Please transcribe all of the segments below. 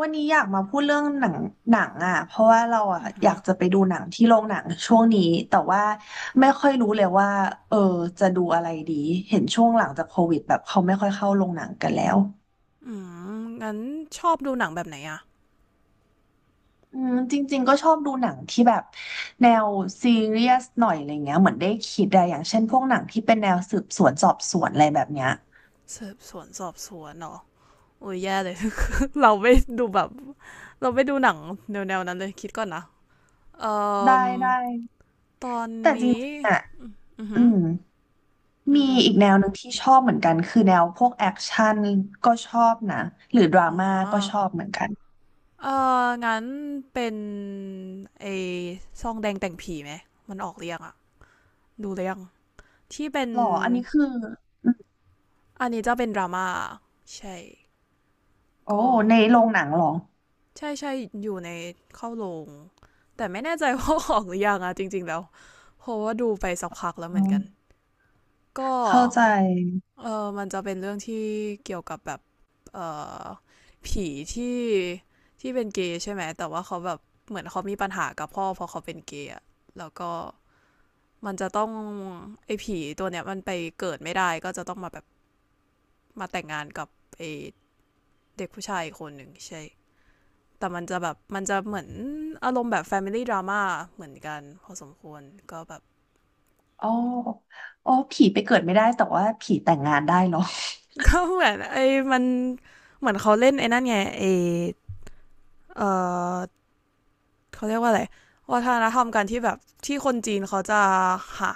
วันนี้อยากมาพูดเรื่องหนังหนังอ่ะเพราะว่าเราอ่ะอยากจะไปดูหนังที่โรงหนังช่วงนี้แต่ว่าไม่ค่อยรู้เลยว่าเออจะดูอะไรดีเห็นช่วงหลังจากโควิดแบบเขาไม่ค่อยเข้าโรงหนังกันแล้วงั้นชอบดูหนังแบบไหนอะอืมจริงๆก็ชอบดูหนังที่แบบแนวซีเรียสหน่อยอะไรเงี้ยเหมือนได้คิดอะอย่างเช่นพวกหนังที่เป็นแนวสืบสวนสอบสวนอะไรแบบเนี้ยสืบสวนสอบสวนเนาะโอ้ยแย่เลย เราไม่ดูแบบเราไม่ดูหนังแนวๆนั้นเลยคิดก่อนนะเอ่ได้อได้ตอนแต่จนี้ริงๆอ่ะอืออืหือม อืมีมอืมอีกแนวหนึ่งที่ชอบเหมือนกันคือแนวพวกแอคชั่นก็ชอบนะหรือดราอ๋อม่าก็ชอบเหมือนกันเอองั้นเป็นไอ้ซองแดงแต่งผีไหมมันออกเรียงอะดูเรียงที่เป็นหรออันนี้คืออืมอันนี้จะเป็นดราม่าใช่โอ้ก็ในโรงหนังหรอใช่ใช่อยู่ในเข้าโรง แต่ไม่แน่ใจว่าออกหรือยังอะ จริงๆแล้วเพราะว่าดูไปสักพักแล้วอืเหมือนมกันก็เข้าใจเออมันจะเป็นเรื่องที่เกี่ยวกับแบบเออผีที่ที่เป็นเกย์ใช่ไหมแต่ว่าเขาแบบเหมือนเขามีปัญหากับพ่อเพราะเขาเป็นเกย์แล้วก็มันจะต้องไอ้ผีตัวเนี้ยมันไปเกิดไม่ได้ก็จะต้องมาแบบมาแต่งงานกับไอ้เด็กผู้ชายคนหนึ่งใช่แต่มันจะแบบมันจะเหมือนอารมณ์แบบ Family Drama เหมือนกันพอสมควรก็แบบ โอ้โอ้ผีไปเกิดไม่ได้แต่ว่าผีแต่งงานได้เหรอ ก็เหมือนไอ้มันเหมือนเขาเล่นไอ้นั่นไงไอ้เออเขาเรียกว่าอะไรวัฒนธรรมการที่แบบที่คนจีนเขาจะหา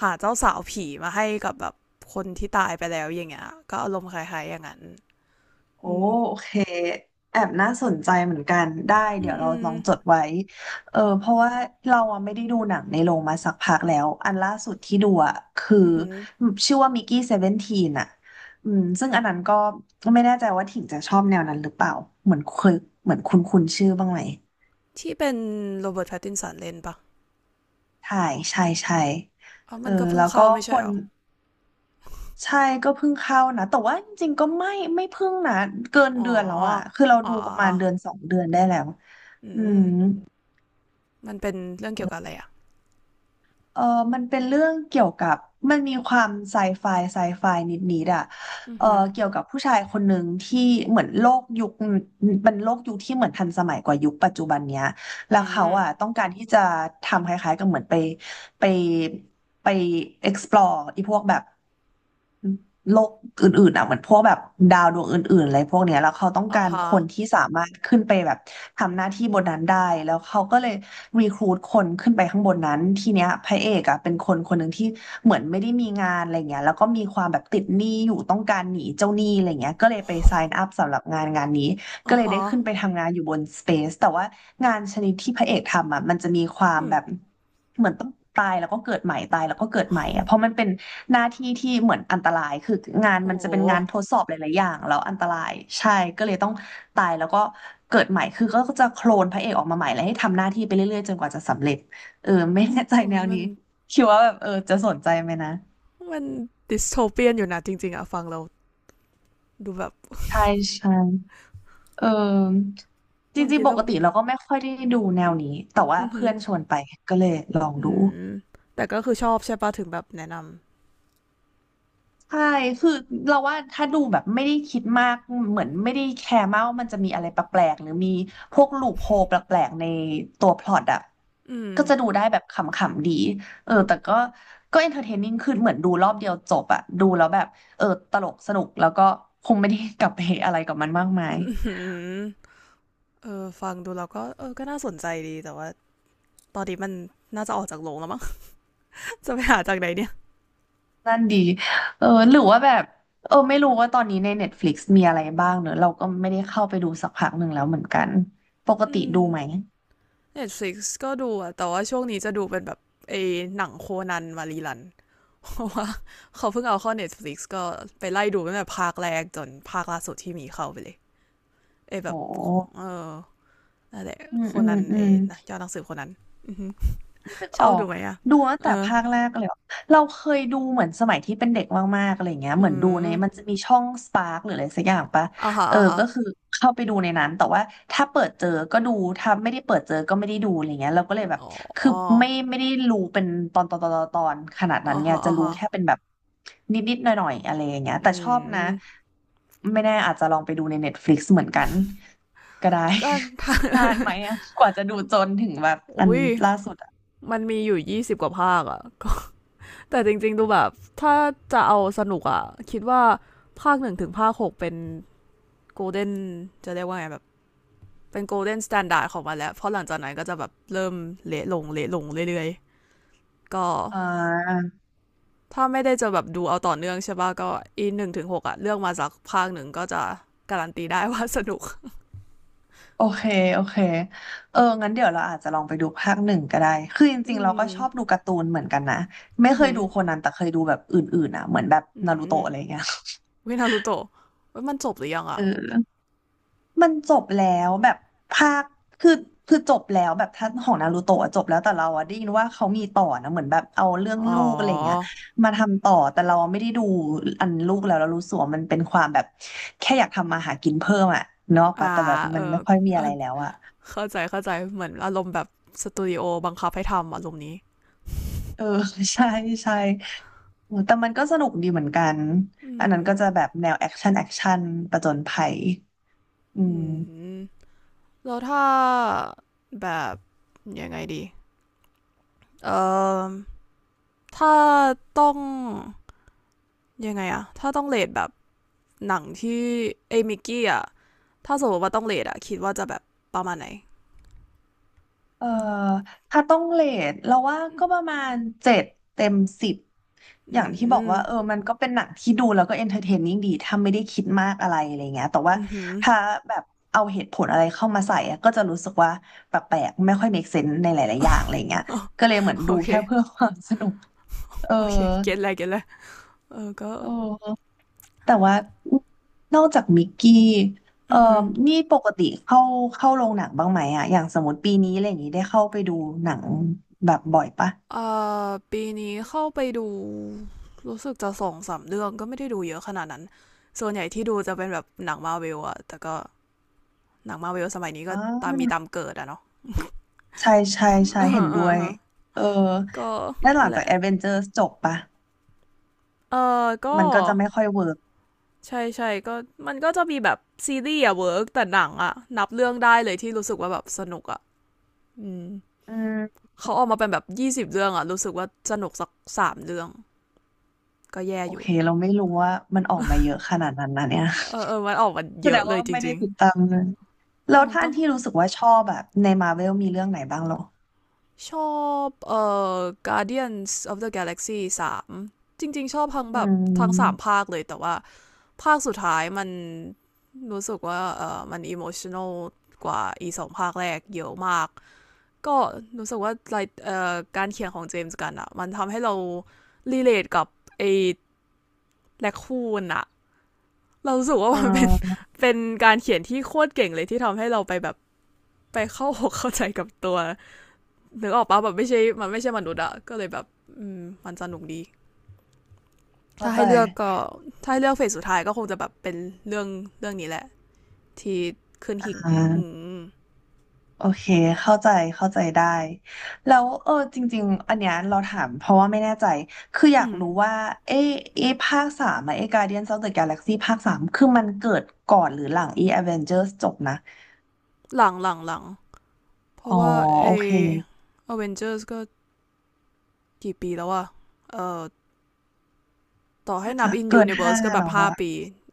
หาเจ้าสาวผีมาให้กับแบบคนที่ตายไปแล้วอย่างเงี้ยก็อารมณ์คล้ายๆอย่างนั้นโอ้อืมโอเคแอบน่าสนใจเหมือนกันได้อืเดี๋ยมวเราอืมลองจดไว้เออเพราะว่าเราอะไม่ได้ดูหนังในโรงมาสักพักแล้วอันล่าสุดที่ดูอ่ะคืออือหือชื่อว่ามิกกี้เซเวนทีนอ่ะอืมซึ่งอันนั้นก็ไม่แน่ใจว่าถิ่งจะชอบแนวนั้นหรือเปล่าเหมือนเคยเหมือนคุ้นคุ้นชื่อบ้างไหมที่เป็นโรเบิร์ตแพตตินสันเล่นปะใช่ใช่ใช่อ๋อเอมัอนก็เพิ่งแล้วก็เข้าไม่คใช่หน รอใช่ก็เพิ่งเข้านะแต่ว่าจริงๆก็ไม่เพิ่งนะเกินอ๋เดืออนแล้วอ่ะคือเราอ๋อดูอ๋ปอระอมาณเดือนสองเดือนได้แล้วือืมมมันเป็นเรื่องเกี่ยวกับอะไรอ่ะเออมันเป็นเรื่องเกี่ยวกับมันมีความไซไฟไซไฟนิดๆอ่ะอือเออหือเกี่ยวกับผู้ชายคนหนึ่งที่เหมือนโลกยุคเป็นโลกยุคที่เหมือนทันสมัยกว่ายุคปัจจุบันเนี้ยแล้อืวเขามอ่ะต้องการที่จะทำคล้ายๆกับเหมือนไปไปไป explore ไอีพวกแบบ โลกอื่นๆอ่ะเหมือนพวกแบบดาวดวงอื่นๆอะไรพวกเนี้ยแล้วเขาต้องอ๋อการฮะคนที่สามารถขึ้นไปแบบทำหน้าที่บนนั้นได้แล้วเขาก็เลยรีครูทคนขึ้นไปข้างบนนั้นทีเนี้ยพระเอกอ่ะเป็นคนคนหนึ่งที่เหมือนไม่ได้มีงานอะไรเงี้ยแล้วก็มีความแบบติดหนี้อยู่ต้องการหนีเจ้าหนี้อะไรเงี้ยก็เลยไป sign up สำหรับงานงานนี้อ๋ก็อเลยได้ฮะขึ้นไปทำงานอยู่บน Space แต่ว่างานชนิดที่พระเอกทำอ่ะมันจะมีความอืม แบบเหมือนต้องตายแล้วก็เกิดใหม่ตายแล้วก็เกิดใหม่อ่ะเพราะมันเป็น หน้าที่ที่เหมือนอันตรายคืองานโอ้มันจะโหเป็นงานทดสอบหลายๆอย่างแล้วอันตรายใช่ก็เลยต้องตายแล้วก็เกิดใหม่คือก็จะโคลนพระเอกออกมาใหม่แล้วให้ทำหน้าที่ไปเรื่อยๆจนกว่าจะสำเร็จเออไม่แน่ใจโอ้แนยวมัน นี้คิดว่าแบบเออจะสนใจไหมนะมันดิสโทเปียนอยู่นะจริงๆอะฟังแล้วดูแบบใช่ใช่เออจลองริงคิดๆปซะกว่าติเราก็ไม่ค่อยได้ดูแนอืวมนี้แต่อว่าหืเพื่มอนชวนไปก็เลยลองอมอืดู มแต่ก็คือชอบใช่ปะถึงแบบแนะนใช่คือเราว่าถ้าดูแบบไม่ได้คิดมาก เหมือนไม่ได้แคร์มากว่ามันจะมีอะไรแปลกๆหรือมีพวกลูปโฮลแปลกๆในตัวพล็อตอ่ะำ อืมก็จะดูได้แบบขำๆดีเออแต่ก็ก็เอนเตอร์เทนนิ่งขึ้นเหมือนดูรอบเดียวจบอ่ะดูแล้วแบบเออตลกสนุกแล้วก็คงไม่ได้กลับไปอะไรกับมันมากมาอืยมเออฟังดูแล้วก็เออก็น่าสนใจดีแต่ว่าตอนนี้มันน่าจะออกจากโรงแล้วมั้ง จะไปหาจากไหนเนี่ย นั่นดีเออหรือว่าแบบเออไม่รู้ว่าตอนนี้ใน Netflix มีอะไรบ้างเนอะเราก็ไม่ได้เข้าไปดูสักพักหนึ่งแล้วเหมือนกันปกอืติม ดูไหม Netflix ก็ดูอะแต่ว่าช่วงนี้จะดูเป็นแบบไอ้หนังโคนันมารีลัน เพราะว่าเขาเพิ่งเอาเข้า Netflix ก็ไปไล่ดูตั้งแต่ภาคแรกจนภาคล่าสุดที่มีเข้าไปเลย เอยแบโอ้ บเออนั่นแหละอืมโคอืนมนันอืเอม ยนะเจ้าหนังสือโคนนันอกชอออบดูกไหมอ่ะดูตั้งเออ แต่ภาคแรกเลยอะเราเคยดูเหมือนสมัยที่เป็นเด็กมากๆอะไรเงี้ยเหอืมือนดูมในมันจะมีช่องสปาร์กหรืออะไรสักอย่างปะอ่าฮะเอออ่าฮะก็คือเข้าไปดูในนั้นแต่ว่าถ้าเปิดเจอก็ดูถ้าไม่ได้เปิดเจอก็ไม่ได้ดูอะไรเงี้ยเราก็เลยแบบอ๋ออคือไม่ได้รู้เป็นตอนขนาดนั้น่าไงฮะจะอ่ารู้ฮะแค่เป็นแบบนิดๆหน่อยๆอะไรอย่างเงี้ยแต่อืชอบนะมไม่แน่อาจจะลองไปดูใน Netflix เหมือนกันก็ได้ ก็ นานไหมอะกว่าจะดูจนถึงแบบอันอุ้ยล่าสุดอะ มันมีอยู่ยี่สิบกว่าภาคอะก็ แต่จริงๆดูแบบถ้าจะเอาสนุกอะคิดว่าภาคหนึ่งถึงภาคหกเป็นโกลเด้นจะเรียกว่าไงแบบเป็นโกลเด้นสแตนดาร์ดของมันแล้วเพราะหลังจากนั้นก็จะแบบเริ่มเละลงเละลงเรื่อยๆก็ อ่าถ้าไม่ได้จะแบบดูเอาต่อเนื่องใช่ป่ะก็อีหนึ่งถึงหกอะเลือกมาสักภาคหนึ่งก็จะการันตีได้ ว่าสนุก โอเคโอเคเอองั้นเดี๋ยวเราอาจจะลองไปดูภาคหนึ่งก็ได้คือจริอืงๆเราก็ม ชอบดูการ์ตูนเหมือนกันนะไม่อือเคยหือดูโคนันแต่เคยดูแบบอื่นๆอ่ะเหมือนแบบอืนารูมโตะอะไรเงี้ยวินารุโตะมันจบหรือยังเออะอมันจบแล้วแบบภาคคือคือจบแล้วแบบท่านของนารูโตะอะจบแล้วแต่เราอะได้ยินว่าเขามีต่อนะเหมือนแบบเอาเรื่องอ๋อ ลูกอะไรเงี้ยมาทำต่อแต่เราไม่ได้ดูอันลูกแล้วเรารู้สึกว่ามันเป็นความแบบแค่อยากทำมาหากินเพิ่มอะเนาะปะอ่าแต่แบบเออ มันไม่ค่อยมีอะไรแล้วอะ เข้าใจเข้าใจเหมือนอารมณ์แบบสตูดิโอบังคับให้ทำอารมณ์นี้ เออ ใช่ใช่โอ้แต่มันก็สนุกดีเหมือนกันอือันนั้นม ก็จะแบบแนวแอคชั่นประจนภัยอือืมมแล้วถ้าแบบยังไงดี เอ่อถ้าต้องยังไงอะถ้าต้องเลทแบบหนังที่เอมิกกี้อะ ถ้าสมมติว่าต้องเลทอะคิดว่าจะแบบประมาณไหนเอออืมถ้าต้องเรทเราว่าก็ประมาณ7เต็ม10ออืย่างที่บอกมว่าเออมันก็เป็นหนังที่ดูแล้วก็เอนเตอร์เทนนิ่งดีถ้าไม่ได้คิดมากอะไรอะไรเงี้ยแต่ว่าอือหือ ถ้าแบบเอาเหตุผลอะไรเข้ามาใส่อะก็จะรู้สึกว่าแปลกๆไม่ค่อย make sense ในหลายๆอย่างอะไรเงี้ยก็เลยเหมือ นดูโอเคแค่เพื่อความ สนุกเออโอเคเก็ตแล้วเก็ตแล้วเออก็เออ แต่ว่านอกจากมิกกี้เอ่อืออหือนี่ปกติเข้าโรงหนังบ้างไหมอะอย่างสมมติปีนี้อะไรอย่างนี้ได้เข้าไปดูหนังแบบบ่อยปะเอ่ปีนี้เข้าไปดูรู้สึกจะสองสามเรื่องก็ไม่ได้ดูเยอะขนาดนั้นส่วนใหญ่ที่ดูจะเป็นแบบหนังมาร์เวลอะแต่ก็หนังมาร์เวลสมัยนี้ก็อ๋อตามมีตามเกิดอะเนาะ ใช่ใช่ ใช่อ่เห็นอ่ด้วยาเออก็แล้วหลันั่นงแหจากละแอดเวนเจอร์จบปะเออก็มันก็จะไม่ค่อยเวิร์กใช่ใช่ก็มันก็จะมีแบบซีรีส์อะเวิร์กแต่หนังอะนับเรื่องได้เลยที่รู้สึกว่าแบบสนุกอะ อืมอืมเขาออกมาเป็นแบบยี่สิบเรื่องอะรู้สึกว่าสนุกสักสามเรื่องก็แย่โออยู่ เคเราไม่รู้ว่ามันออกมาเย อะขนาดนั้นนะเนี่ย เออเออมันออกมา แสเยดอะงเลว่ายจไม่ได้ริงติดตามเลยๆอ๋แล้อวท่าต้อัอนงที่รู้สึกว่าชอบแบบในมาเวลมีเรื่องไหนบ้างเหรอชอบอ Guardians of the Galaxy สามจริงๆชอบทั้งอืแบบทั้งสามมภาคเลย แต่ว่าภาคสุดท้ายมันรู้สึกว่าเออมันอิโมชัน a ลกว่าอีสองภาคแรกเยอะมาก ก็รู้สึกว่าไลท์การเขียนของเจมส์กันอะมันทำให้เรารีเลทกับไอ้แลคคูนอะ เรารู้สึกว่าเอมันเป็น อ เป็นการเขียนที่โคตรเก่งเลยที่ทำให้เราไปแบบไปเข้าหก เข้าใจกับตัวนึกออกปะแบบไม่ใช่มันไม่ใช่มนุษย์อะก็เลยแบบมันสนุกดีเข้าถ้าใจให้เลือกก็ถ้าให้เลือกเฟสสุดท้ายก็คงจะแบบเป็นเรื่องเรื่องนี้แหละที่ขึ้นอหิ่ง่อืา มโอเคเข้าใจเข้าใจได้แล้วเออจริงๆอันเนี้ยเราถามเพราะว่าไม่แน่ใจคืออยาอืกมรู้ว่าเอเอภาคสามอะเอ Guardians of the Galaxy ภาค3คือมันเกิดก่อนหรือหลังเอ Avengers จบนะหลังหลังหลังเพอ๋อราะว่าไอโอเคเวน e จอร์ก็กี่ปีแล้วอะเอ่อต่อให้น่านัจะบ in เกิน5 universe ก็แบแล้บวห้าอะปี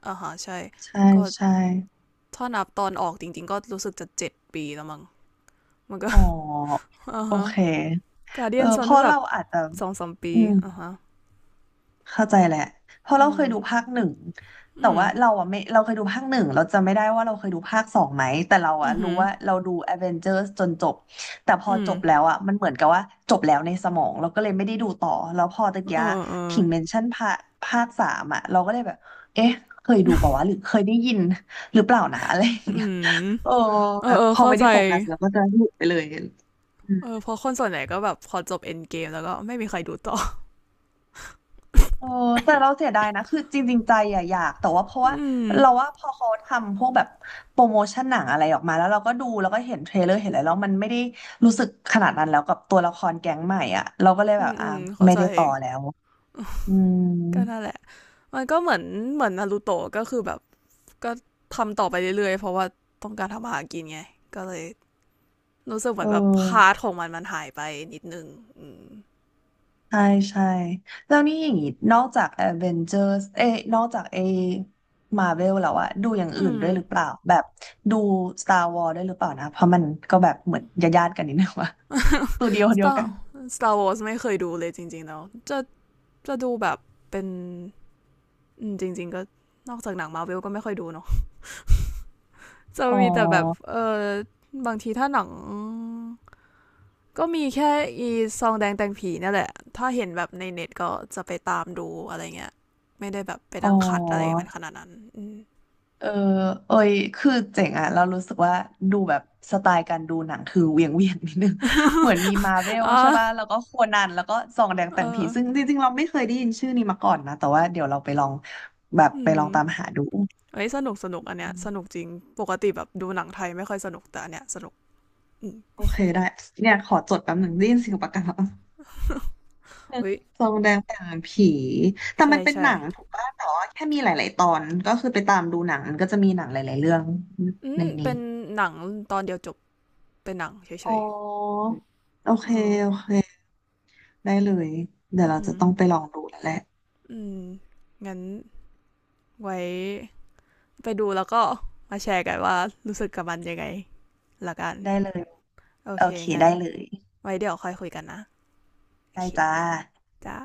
อ่าฮะใช่ใช่ก็ใช่ถ้านับตอนออกจริงๆก็รู้สึกจะเจ็ดปีแล้วมั้งมันก็ อ๋ออ่าโอฮะเคการเดีเออยนสอเพนทั้ราะงแบเราบอาจจะสองสามปีอืม อ่าฮะเข้าใจแหละเพราะอืเราเคยดูภามคหนึ่งแต่อืมว่าเราอะไม่เราเคยดูภาคหนึ่งเราจำไม่ได้ว่าเราเคยดูภาคสองไหมแต่เราอือะอหืรู้อว่าเราดู Avengers จนจบแต่พออืจมบแล้วอะมันเหมือนกับว่าจบแล้วในสมองเราก็เลยไม่ได้ดูต่อแล้วพอตะกี้เออเออถิงเมนชั่นภาคสามอะเราก็เลยแบบเอ๊ะเคยดูเปล่าวะหรือเคยได้ยินหรือเปล่านะ อะไรอย่างอืเงี้ยมโอ้เออแบบเออพอเข้าไม่ใจได้โฟกัสแล้วก็จะหลุดไปเลยอืม เออเพราะคนส่วนใหญ่ก็แบบพอจบเอ็นเกมแล้วก็ไม่มีใครดูต่อ โอ้แต่เราเสียดายนะคือจริงๆใจอะอยากแต่ว่าเพราะว่าอืมเราว่าพอเขาทำพวกแบบโปรโมชั่นหนังอะไรออกมาแล้วเราก็ดูแล้วก็เห็นเทรลเลอร์เห็นอะไรแล้วมันไม่ได้รู้สึกขนาดนั้นแล้วกับตัวละครแก๊งใหม่อ่ะเราก็เลยอืแบบมอือ่ามเข้าไม่ใจได้ต่อแล้วอืมก็นั่นแหละมันก็เหมือนเหมือนนารูโตะก็คือแบบก็ทำต่อไปเรื่อยๆเพราะว่าต้องการทำอาหารกินไงก็เลยรู้สึกเหเอมือนแบบพาร์ทอของมันมันหายไปนิดนึงอืมใช่ใช่แล้วนี่อย่างงี้นอกจาก Avengers เอ้ยนอกจากไอ้ Marvel แล้วอะดูอย่างอือื่นม ด้วยหรือเปล่าแบบดู Star Wars ด้วยหรือเปล่านะเพราะมันก็แบบเหมือนญาติๆกันนิดนึง ว่าสตูดิโอเดียว Star กัน Star Wars ไม่เคยดูเลยจริงๆแล้วจะจะดูแบบเป็นจริงๆก็นอกจากหนังมาิวก็ไม่ค่อยดูเนาะจะอ๋อ มีแต่แบบเออบางทีถ้าหนังก็มีแค่อีซองแดงแตงผีนั่นแหละ ถ้าเห็นแบบในเน็ตก็จะไปตามดูอะไรเงี้ยไม่ได้แบบไปอ๋นั่งคัดอะไรอ มันขนาดนั้นอเออ เอ้ยคือเจ๋งอะเรารู้สึกว่าดูแบบสไตล์การดูหนังคือเวียงนิดนึง เหมือนมีมาเวลอ่ใช่ป่ะาแล้วก็โคนันแล้วก็ส่องแดงเอแต่งผี อซึ่งจริงๆเราไม่เคยได้ยินชื่อนี้มาก่อนนะ แต่ว่าเดี๋ยวเราไปลองแบบอืไปลอมงตามหาดูเอ้ยสนุกสนุกอันเนี้ยอืมสนุกจริง ปกติแบบดูหนังไทยไม่ค่อยสนุกแต่อันเนี้ยสนุกอืม โอเคได้ เนี่ยขอจดแป๊บหนึ่งได้ยินเสียงปากกา อุ้ยสองแดงแต่งผีแต่ใช่มันเป็นใช่ หนังถูกป่ะแต่ว่าแค่มีหลายๆตอนก็คือไปตามดูหนังมันก็จะมีหนังหลายๆเรื่องอืในมนี้ เป็นหนังตอนเดียวจบเป็นหนังเฉอ๋อยโอๆเค เออโอเค ได้เลย เดี๋ยวอือเราหืจะอต้องไปลองดูแล้วแหละอืม งั้นไว้ไปดูแล้วก็มาแชร์กันว่ารู้สึกกับมันยังไงละกันได้เลย โอโอเคเค งั้ได้นเลย ไว้เดี๋ยวค่อยคุยกันนะโอได้เคจ้าจ้า